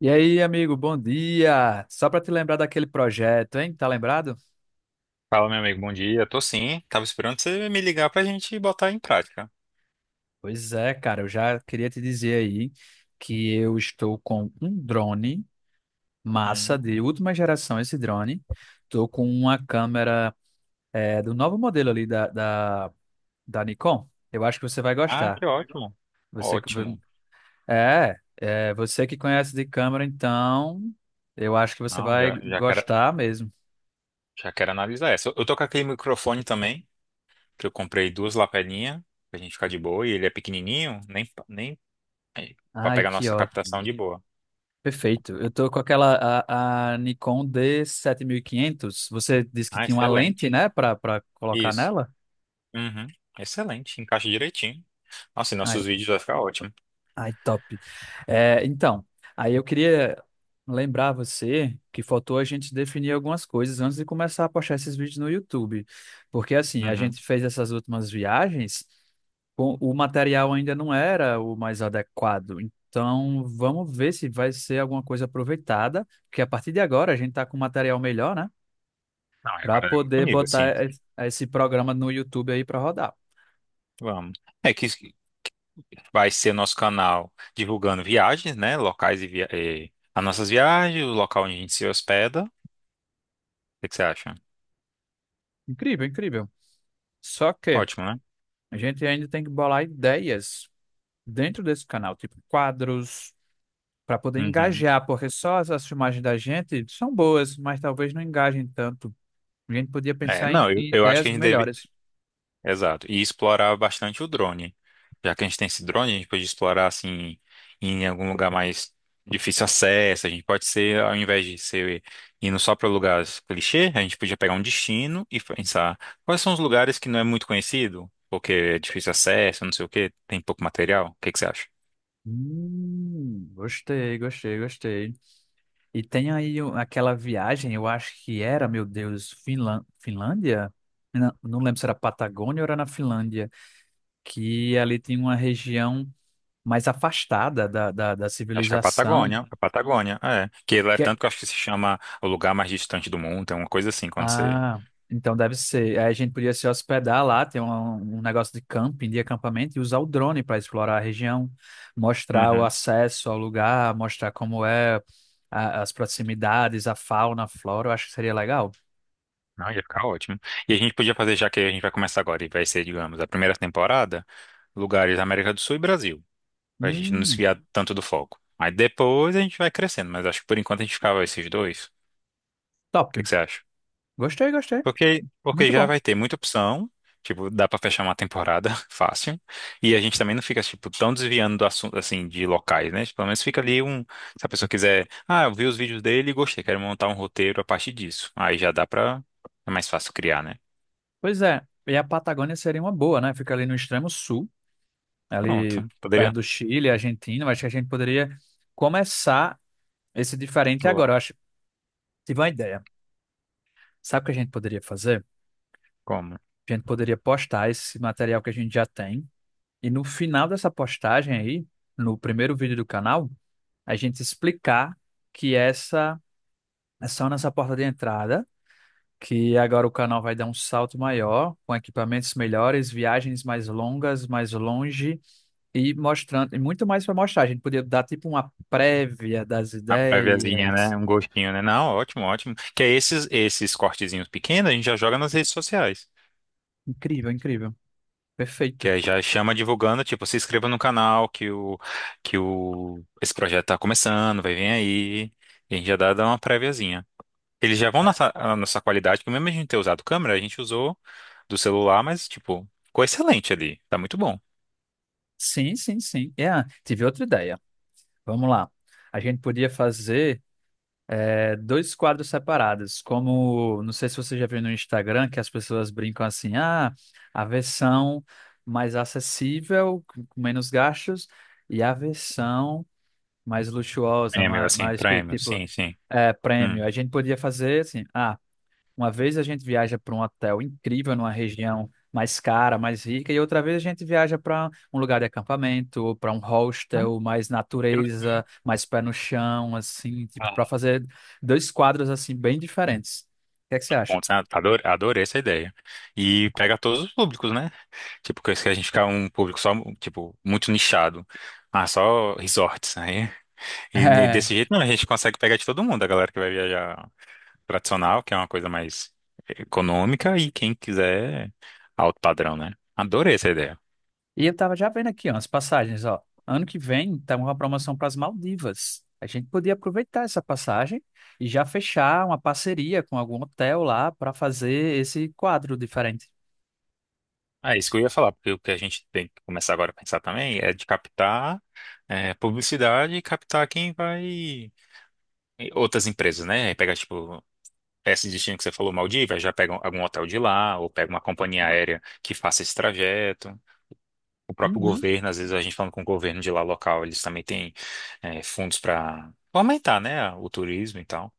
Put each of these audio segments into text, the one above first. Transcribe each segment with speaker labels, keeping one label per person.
Speaker 1: E aí, amigo, bom dia! Só para te lembrar daquele projeto, hein? Tá lembrado?
Speaker 2: Fala, meu amigo, bom dia. Tô sim, tava esperando você me ligar pra gente botar em prática.
Speaker 1: Pois é, cara, eu já queria te dizer aí que eu estou com um drone massa de
Speaker 2: Hum.
Speaker 1: última geração, esse drone. Estou com uma câmera do novo modelo ali da Nikon. Eu acho que você vai
Speaker 2: Ah,
Speaker 1: gostar.
Speaker 2: que ótimo.
Speaker 1: Você que-
Speaker 2: Ótimo.
Speaker 1: é você que conhece de câmera, então eu acho que você
Speaker 2: Não,
Speaker 1: vai
Speaker 2: já, já quero,
Speaker 1: gostar mesmo.
Speaker 2: já quero analisar essa. Eu tô com aquele microfone também, que eu comprei duas lapelinhas, pra gente ficar de boa, e ele é pequenininho, nem pra
Speaker 1: Ai,
Speaker 2: pegar
Speaker 1: que
Speaker 2: nossa
Speaker 1: ótimo.
Speaker 2: captação de boa.
Speaker 1: Perfeito. Eu tô com aquela a Nikon d 7500. Você disse que
Speaker 2: Ah,
Speaker 1: tinha uma lente,
Speaker 2: excelente.
Speaker 1: né, para colocar
Speaker 2: Isso.
Speaker 1: nela?
Speaker 2: Uhum. Excelente, encaixa direitinho. Nossa, e
Speaker 1: Ai,
Speaker 2: nossos vídeos vai ficar ótimo.
Speaker 1: ai, top. É, então, aí eu queria lembrar você que faltou a gente definir algumas coisas antes de começar a postar esses vídeos no YouTube. Porque assim, a
Speaker 2: Uhum.
Speaker 1: gente fez essas últimas viagens, o material ainda não era o mais adequado. Então, vamos ver se vai ser alguma coisa aproveitada, porque a partir de agora a gente tá com um material melhor, né,
Speaker 2: Não, e
Speaker 1: para
Speaker 2: agora é outro
Speaker 1: poder
Speaker 2: nível, assim.
Speaker 1: botar esse programa no YouTube aí para rodar.
Speaker 2: Vamos. É que vai ser nosso canal divulgando viagens, né? Locais e, e as nossas viagens, o local onde a gente se hospeda. O que que você acha?
Speaker 1: Incrível, incrível. Só que
Speaker 2: Ótimo, né?
Speaker 1: a gente ainda tem que bolar ideias dentro desse canal, tipo quadros, para poder
Speaker 2: Uhum.
Speaker 1: engajar, porque só as, as filmagens da gente são boas, mas talvez não engajem tanto. A gente podia
Speaker 2: É,
Speaker 1: pensar em,
Speaker 2: não, eu,
Speaker 1: em
Speaker 2: eu acho que
Speaker 1: ideias
Speaker 2: a gente deve.
Speaker 1: melhores.
Speaker 2: Exato. E explorar bastante o drone. Já que a gente tem esse drone, a gente pode explorar assim em algum lugar mais difícil acesso. A gente pode ser, ao invés de ser indo só para lugares clichê, a gente podia pegar um destino e pensar quais são os lugares que não é muito conhecido, porque é difícil acesso, não sei o quê, tem pouco material. O que que você acha?
Speaker 1: Gostei, gostei, gostei. E tem aí aquela viagem, eu acho que era, meu Deus, Finlândia? Não, não lembro se era Patagônia ou era na Finlândia, que ali tem uma região mais afastada da
Speaker 2: Acho que é
Speaker 1: civilização.
Speaker 2: A Patagônia, é. Que lá é
Speaker 1: Que é-
Speaker 2: tanto que eu acho que se chama o lugar mais distante do mundo, é uma coisa assim, quando você...
Speaker 1: Ah, então deve ser. Aí a gente podia se hospedar lá, ter um negócio de camping, de acampamento, e usar o drone para explorar a região, mostrar o
Speaker 2: Uhum.
Speaker 1: acesso ao lugar, mostrar como é as proximidades, a fauna, a flora. Eu acho que seria legal.
Speaker 2: Não, ia ficar ótimo. E a gente podia fazer, já que a gente vai começar agora, e vai ser, digamos, a primeira temporada, lugares da América do Sul e Brasil, pra gente não
Speaker 1: Hum,
Speaker 2: desviar tanto do foco. Aí depois a gente vai crescendo, mas acho que por enquanto a gente ficava esses dois. O
Speaker 1: Top.
Speaker 2: que que você acha?
Speaker 1: Gostei, gostei.
Speaker 2: Porque
Speaker 1: Muito
Speaker 2: já
Speaker 1: bom.
Speaker 2: vai ter muita opção, tipo, dá pra fechar uma temporada fácil, e a gente também não fica, tipo, tão desviando do assunto, assim, de locais, né? Tipo, pelo menos fica ali um, se a pessoa quiser, ah, eu vi os vídeos dele e gostei, quero montar um roteiro a partir disso. Aí já dá pra, é mais fácil criar, né?
Speaker 1: Pois é. E a Patagônia seria uma boa, né? Fica ali no extremo sul,
Speaker 2: Pronto,
Speaker 1: ali
Speaker 2: poderia,
Speaker 1: perto do Chile, Argentina, mas acho que a gente poderia começar esse diferente
Speaker 2: vou
Speaker 1: agora.
Speaker 2: lá,
Speaker 1: Eu acho, tive uma ideia. Sabe o que a gente poderia fazer?
Speaker 2: como?
Speaker 1: A gente poderia postar esse material que a gente já tem e no final dessa postagem aí, no primeiro vídeo do canal, a gente explicar que essa é só nossa porta de entrada, que agora o canal vai dar um salto maior, com equipamentos melhores, viagens mais longas, mais longe e mostrando, e muito mais para mostrar. A gente podia dar tipo uma prévia das
Speaker 2: A préviazinha,
Speaker 1: ideias.
Speaker 2: né? Um gostinho, né? Não, ótimo, ótimo. Que é esses cortezinhos pequenos, a gente já joga nas redes sociais.
Speaker 1: Incrível, incrível.
Speaker 2: Que
Speaker 1: Perfeito.
Speaker 2: aí já chama divulgando, tipo, se inscreva no canal que o esse projeto tá começando, vai vir aí. E a gente já dá uma préviazinha. Eles já vão na nossa qualidade, porque mesmo a gente ter usado câmera, a gente usou do celular, mas tipo, ficou excelente ali. Tá muito bom.
Speaker 1: Sim, sim, sim. É, tive outra ideia. Vamos lá. A gente podia fazer dois quadros separados, como, não sei se você já viu no Instagram, que as pessoas brincam assim, ah, a versão mais acessível, com menos gastos, e a versão mais luxuosa,
Speaker 2: Prêmio,
Speaker 1: mais,
Speaker 2: assim,
Speaker 1: mais chique,
Speaker 2: prêmio,
Speaker 1: tipo,
Speaker 2: sim, sim. Hum.
Speaker 1: prêmio. A gente podia fazer assim. Uma vez a gente viaja para um hotel incrível, numa região mais cara, mais rica, e outra vez a gente viaja para um lugar de acampamento, para um
Speaker 2: Ah,
Speaker 1: hostel, mais
Speaker 2: que legal.
Speaker 1: natureza, mais pé no chão, assim, tipo,
Speaker 2: Ah,
Speaker 1: para fazer dois quadros assim bem diferentes. O que é que você acha?
Speaker 2: bom, sabe? Adorei, adorei essa ideia. E pega todos os públicos, né? Tipo, que a gente ficar um público só, tipo, muito nichado. Ah, só resorts, né? E ne-
Speaker 1: É.
Speaker 2: desse jeito, não, a gente consegue pegar de todo mundo, a galera que vai viajar tradicional, que é uma coisa mais econômica, e quem quiser alto padrão, né? Adorei essa ideia.
Speaker 1: E eu tava já vendo aqui, ó, as passagens, ó. Ano que vem tá uma promoção para as Maldivas. A gente podia aproveitar essa passagem e já fechar uma parceria com algum hotel lá para fazer esse quadro diferente.
Speaker 2: Ah, isso que eu ia falar, porque o que a gente tem que começar agora a pensar também é de captar publicidade e captar quem vai, e outras empresas, né? Pegar, tipo, esse destino que você falou, Maldivas, já pega algum hotel de lá, ou pega uma companhia aérea que faça esse trajeto. O próprio
Speaker 1: Uhum.
Speaker 2: governo, às vezes a gente falando com o governo de lá local, eles também têm fundos para aumentar, né, o turismo e tal.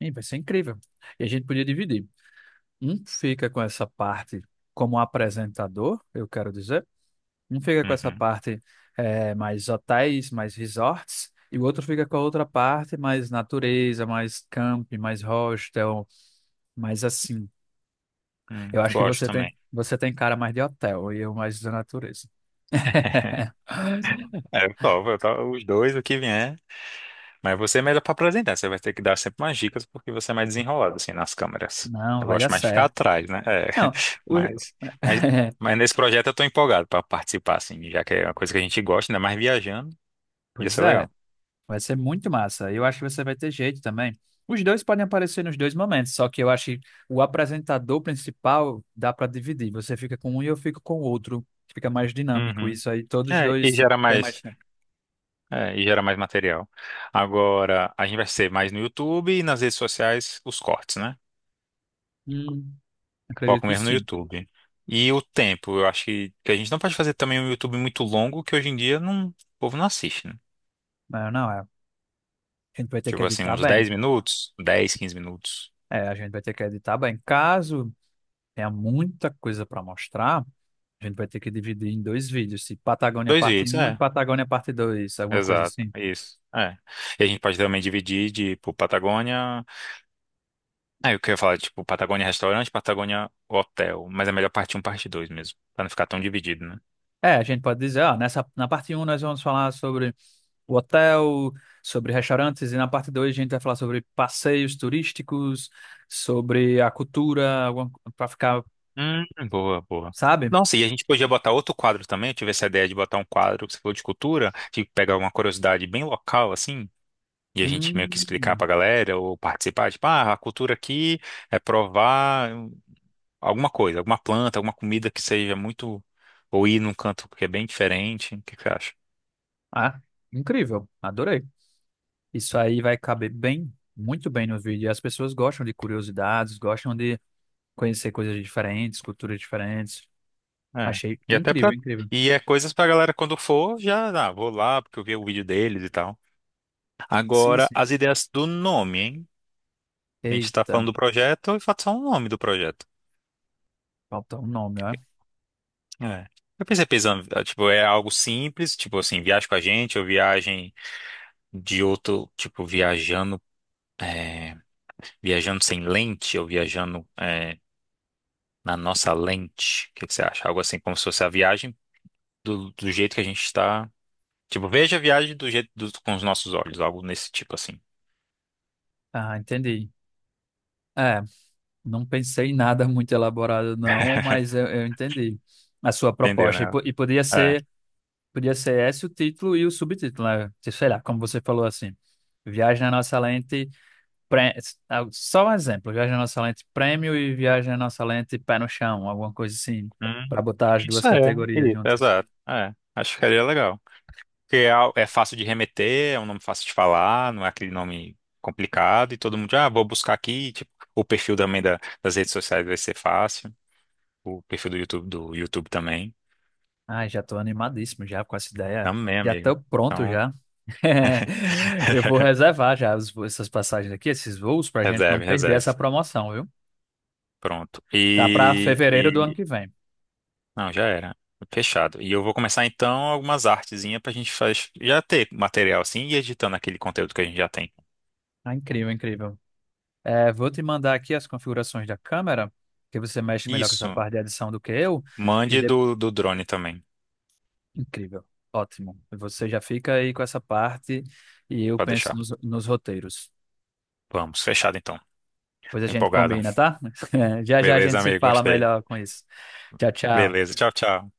Speaker 1: Ih, vai ser incrível. E a gente podia dividir. Um fica com essa parte como apresentador, eu quero dizer. Um fica com essa
Speaker 2: Uhum.
Speaker 1: parte mais hotéis, mais resorts. E o outro fica com a outra parte mais natureza, mais camping, mais hostel, mais assim. Eu acho que
Speaker 2: Gosto também.
Speaker 1: você tem cara mais de hotel e eu mais da natureza.
Speaker 2: É, eu, topo, eu topo os dois, o que vier. Mas você é melhor para apresentar, você vai ter que dar sempre umas dicas, porque você é mais desenrolado, assim, nas câmeras.
Speaker 1: Não,
Speaker 2: Eu
Speaker 1: vai dar
Speaker 2: gosto mais de ficar
Speaker 1: certo.
Speaker 2: atrás, né? É,
Speaker 1: Não, o-
Speaker 2: mas, mas, mas nesse projeto eu tô empolgado para participar, assim, já que é uma coisa que a gente gosta, ainda mais viajando, ia
Speaker 1: pois
Speaker 2: ser
Speaker 1: é.
Speaker 2: legal.
Speaker 1: Vai ser muito massa. Eu acho que você vai ter jeito também. Os dois podem aparecer nos dois momentos, só que eu acho que o apresentador principal dá para dividir. Você fica com um e eu fico com o outro. Fica mais dinâmico
Speaker 2: Uhum.
Speaker 1: isso aí. Todos os
Speaker 2: É, e
Speaker 1: dois
Speaker 2: gera
Speaker 1: têm
Speaker 2: mais.
Speaker 1: mais tempo.
Speaker 2: É, e gera mais material. Agora, a gente vai ser mais no YouTube e nas redes sociais os cortes, né?
Speaker 1: Hum, Acredito
Speaker 2: Foco
Speaker 1: que
Speaker 2: mesmo no
Speaker 1: sim.
Speaker 2: YouTube. E o tempo, eu acho que a gente não pode fazer também um YouTube muito longo, que hoje em dia não, o povo não assiste, né?
Speaker 1: Mas não, é. A gente vai ter que
Speaker 2: Tipo assim,
Speaker 1: editar
Speaker 2: uns
Speaker 1: bem.
Speaker 2: 10 minutos, 10, 15 minutos.
Speaker 1: É, a gente vai ter que editar bem. Caso tenha muita coisa para mostrar, a gente vai ter que dividir em dois vídeos. Se Patagônia
Speaker 2: Dois
Speaker 1: parte
Speaker 2: vídeos,
Speaker 1: um e
Speaker 2: é.
Speaker 1: Patagônia parte dois, alguma coisa
Speaker 2: Exato,
Speaker 1: assim.
Speaker 2: isso. É. E a gente pode também dividir de, tipo, Patagônia. Ah, eu queria falar, tipo, Patagônia restaurante, Patagônia hotel. Mas é melhor parte um parte 2 mesmo. Pra não ficar tão dividido, né?
Speaker 1: É, a gente pode dizer, ó, nessa, na parte um nós vamos falar sobre o hotel, sobre restaurantes, e na parte 2 a gente vai falar sobre passeios turísticos, sobre a cultura, para ficar,
Speaker 2: Boa, boa.
Speaker 1: sabe?
Speaker 2: Nossa, e a gente podia botar outro quadro também. Eu tive essa ideia de botar um quadro que você falou de cultura, de pegar uma curiosidade bem local, assim, e a gente meio que explicar pra
Speaker 1: Hum,
Speaker 2: galera ou participar. Tipo, ah, a cultura aqui é provar alguma coisa, alguma planta, alguma comida que seja muito. Ou ir num canto que é bem diferente. O que que você acha?
Speaker 1: ah, Incrível, adorei. Isso aí vai caber bem, muito bem no vídeo. E as pessoas gostam de curiosidades, gostam de conhecer coisas diferentes, culturas diferentes.
Speaker 2: É.
Speaker 1: Achei
Speaker 2: E até
Speaker 1: incrível,
Speaker 2: pra.
Speaker 1: incrível.
Speaker 2: E é coisas pra galera quando for, já, ah, vou lá, porque eu vi o vídeo deles e tal.
Speaker 1: Sim,
Speaker 2: Agora,
Speaker 1: sim.
Speaker 2: as ideias do nome, hein? A gente tá
Speaker 1: Eita,
Speaker 2: falando do projeto e falta só o nome do projeto.
Speaker 1: faltou um nome, ó.
Speaker 2: É. Eu pensei pensando, ah, tipo, é algo simples, tipo assim, viagem com a gente, ou viagem de outro, tipo, viajando, é, viajando sem lente, ou viajando, na nossa lente. O que que você acha? Algo assim, como se fosse a viagem do jeito que a gente está. Tipo, veja a viagem do jeito com os nossos olhos, algo nesse tipo assim.
Speaker 1: Ah, entendi. É. Não pensei em nada muito elaborado, não, mas eu entendi a sua
Speaker 2: Entendeu,
Speaker 1: proposta. E,
Speaker 2: né?
Speaker 1: e podia
Speaker 2: É.
Speaker 1: ser, podia ser esse o título e o subtítulo, né? Tipo, sei lá, como você falou assim. Viagem na nossa lente, pre- só um exemplo, Viagem na Nossa Lente Prêmio e Viagem na Nossa Lente Pé no Chão, alguma coisa assim,
Speaker 2: Hum,
Speaker 1: para botar as duas
Speaker 2: isso é,
Speaker 1: categorias
Speaker 2: isso,
Speaker 1: juntas.
Speaker 2: exato. É, acho que ficaria legal. Porque é fácil de remeter, é um nome fácil de falar, não é aquele nome complicado e todo mundo, ah, vou buscar aqui, tipo, o perfil também das redes sociais vai ser fácil, o perfil do YouTube também.
Speaker 1: Ai, já estou animadíssimo já com essa ideia.
Speaker 2: Amém,
Speaker 1: Já
Speaker 2: amigo.
Speaker 1: estou pronto
Speaker 2: Então,
Speaker 1: já. Eu vou reservar já essas passagens aqui, esses voos, para a gente
Speaker 2: reserve,
Speaker 1: não perder essa
Speaker 2: reserve.
Speaker 1: promoção, viu?
Speaker 2: Pronto.
Speaker 1: Tá para
Speaker 2: E,
Speaker 1: fevereiro do ano
Speaker 2: e-
Speaker 1: que vem.
Speaker 2: não, já era. Fechado. E eu vou começar então algumas artezinhas pra gente já ter material assim e editando aquele conteúdo que a gente já tem.
Speaker 1: Ah, incrível, incrível. É, vou te mandar aqui as configurações da câmera, que você mexe melhor com essa
Speaker 2: Isso.
Speaker 1: parte de edição do que eu. E
Speaker 2: Mande
Speaker 1: de-
Speaker 2: do drone também,
Speaker 1: Incrível, ótimo. Você já fica aí com essa parte e eu
Speaker 2: pra
Speaker 1: penso
Speaker 2: deixar.
Speaker 1: nos roteiros.
Speaker 2: Vamos, fechado então.
Speaker 1: Depois a
Speaker 2: Tô
Speaker 1: gente
Speaker 2: empolgado.
Speaker 1: combina, tá? Já já a
Speaker 2: Beleza,
Speaker 1: gente se
Speaker 2: amigo,
Speaker 1: fala
Speaker 2: gostei.
Speaker 1: melhor com isso. Tchau, tchau.
Speaker 2: Beleza, tchau, tchau.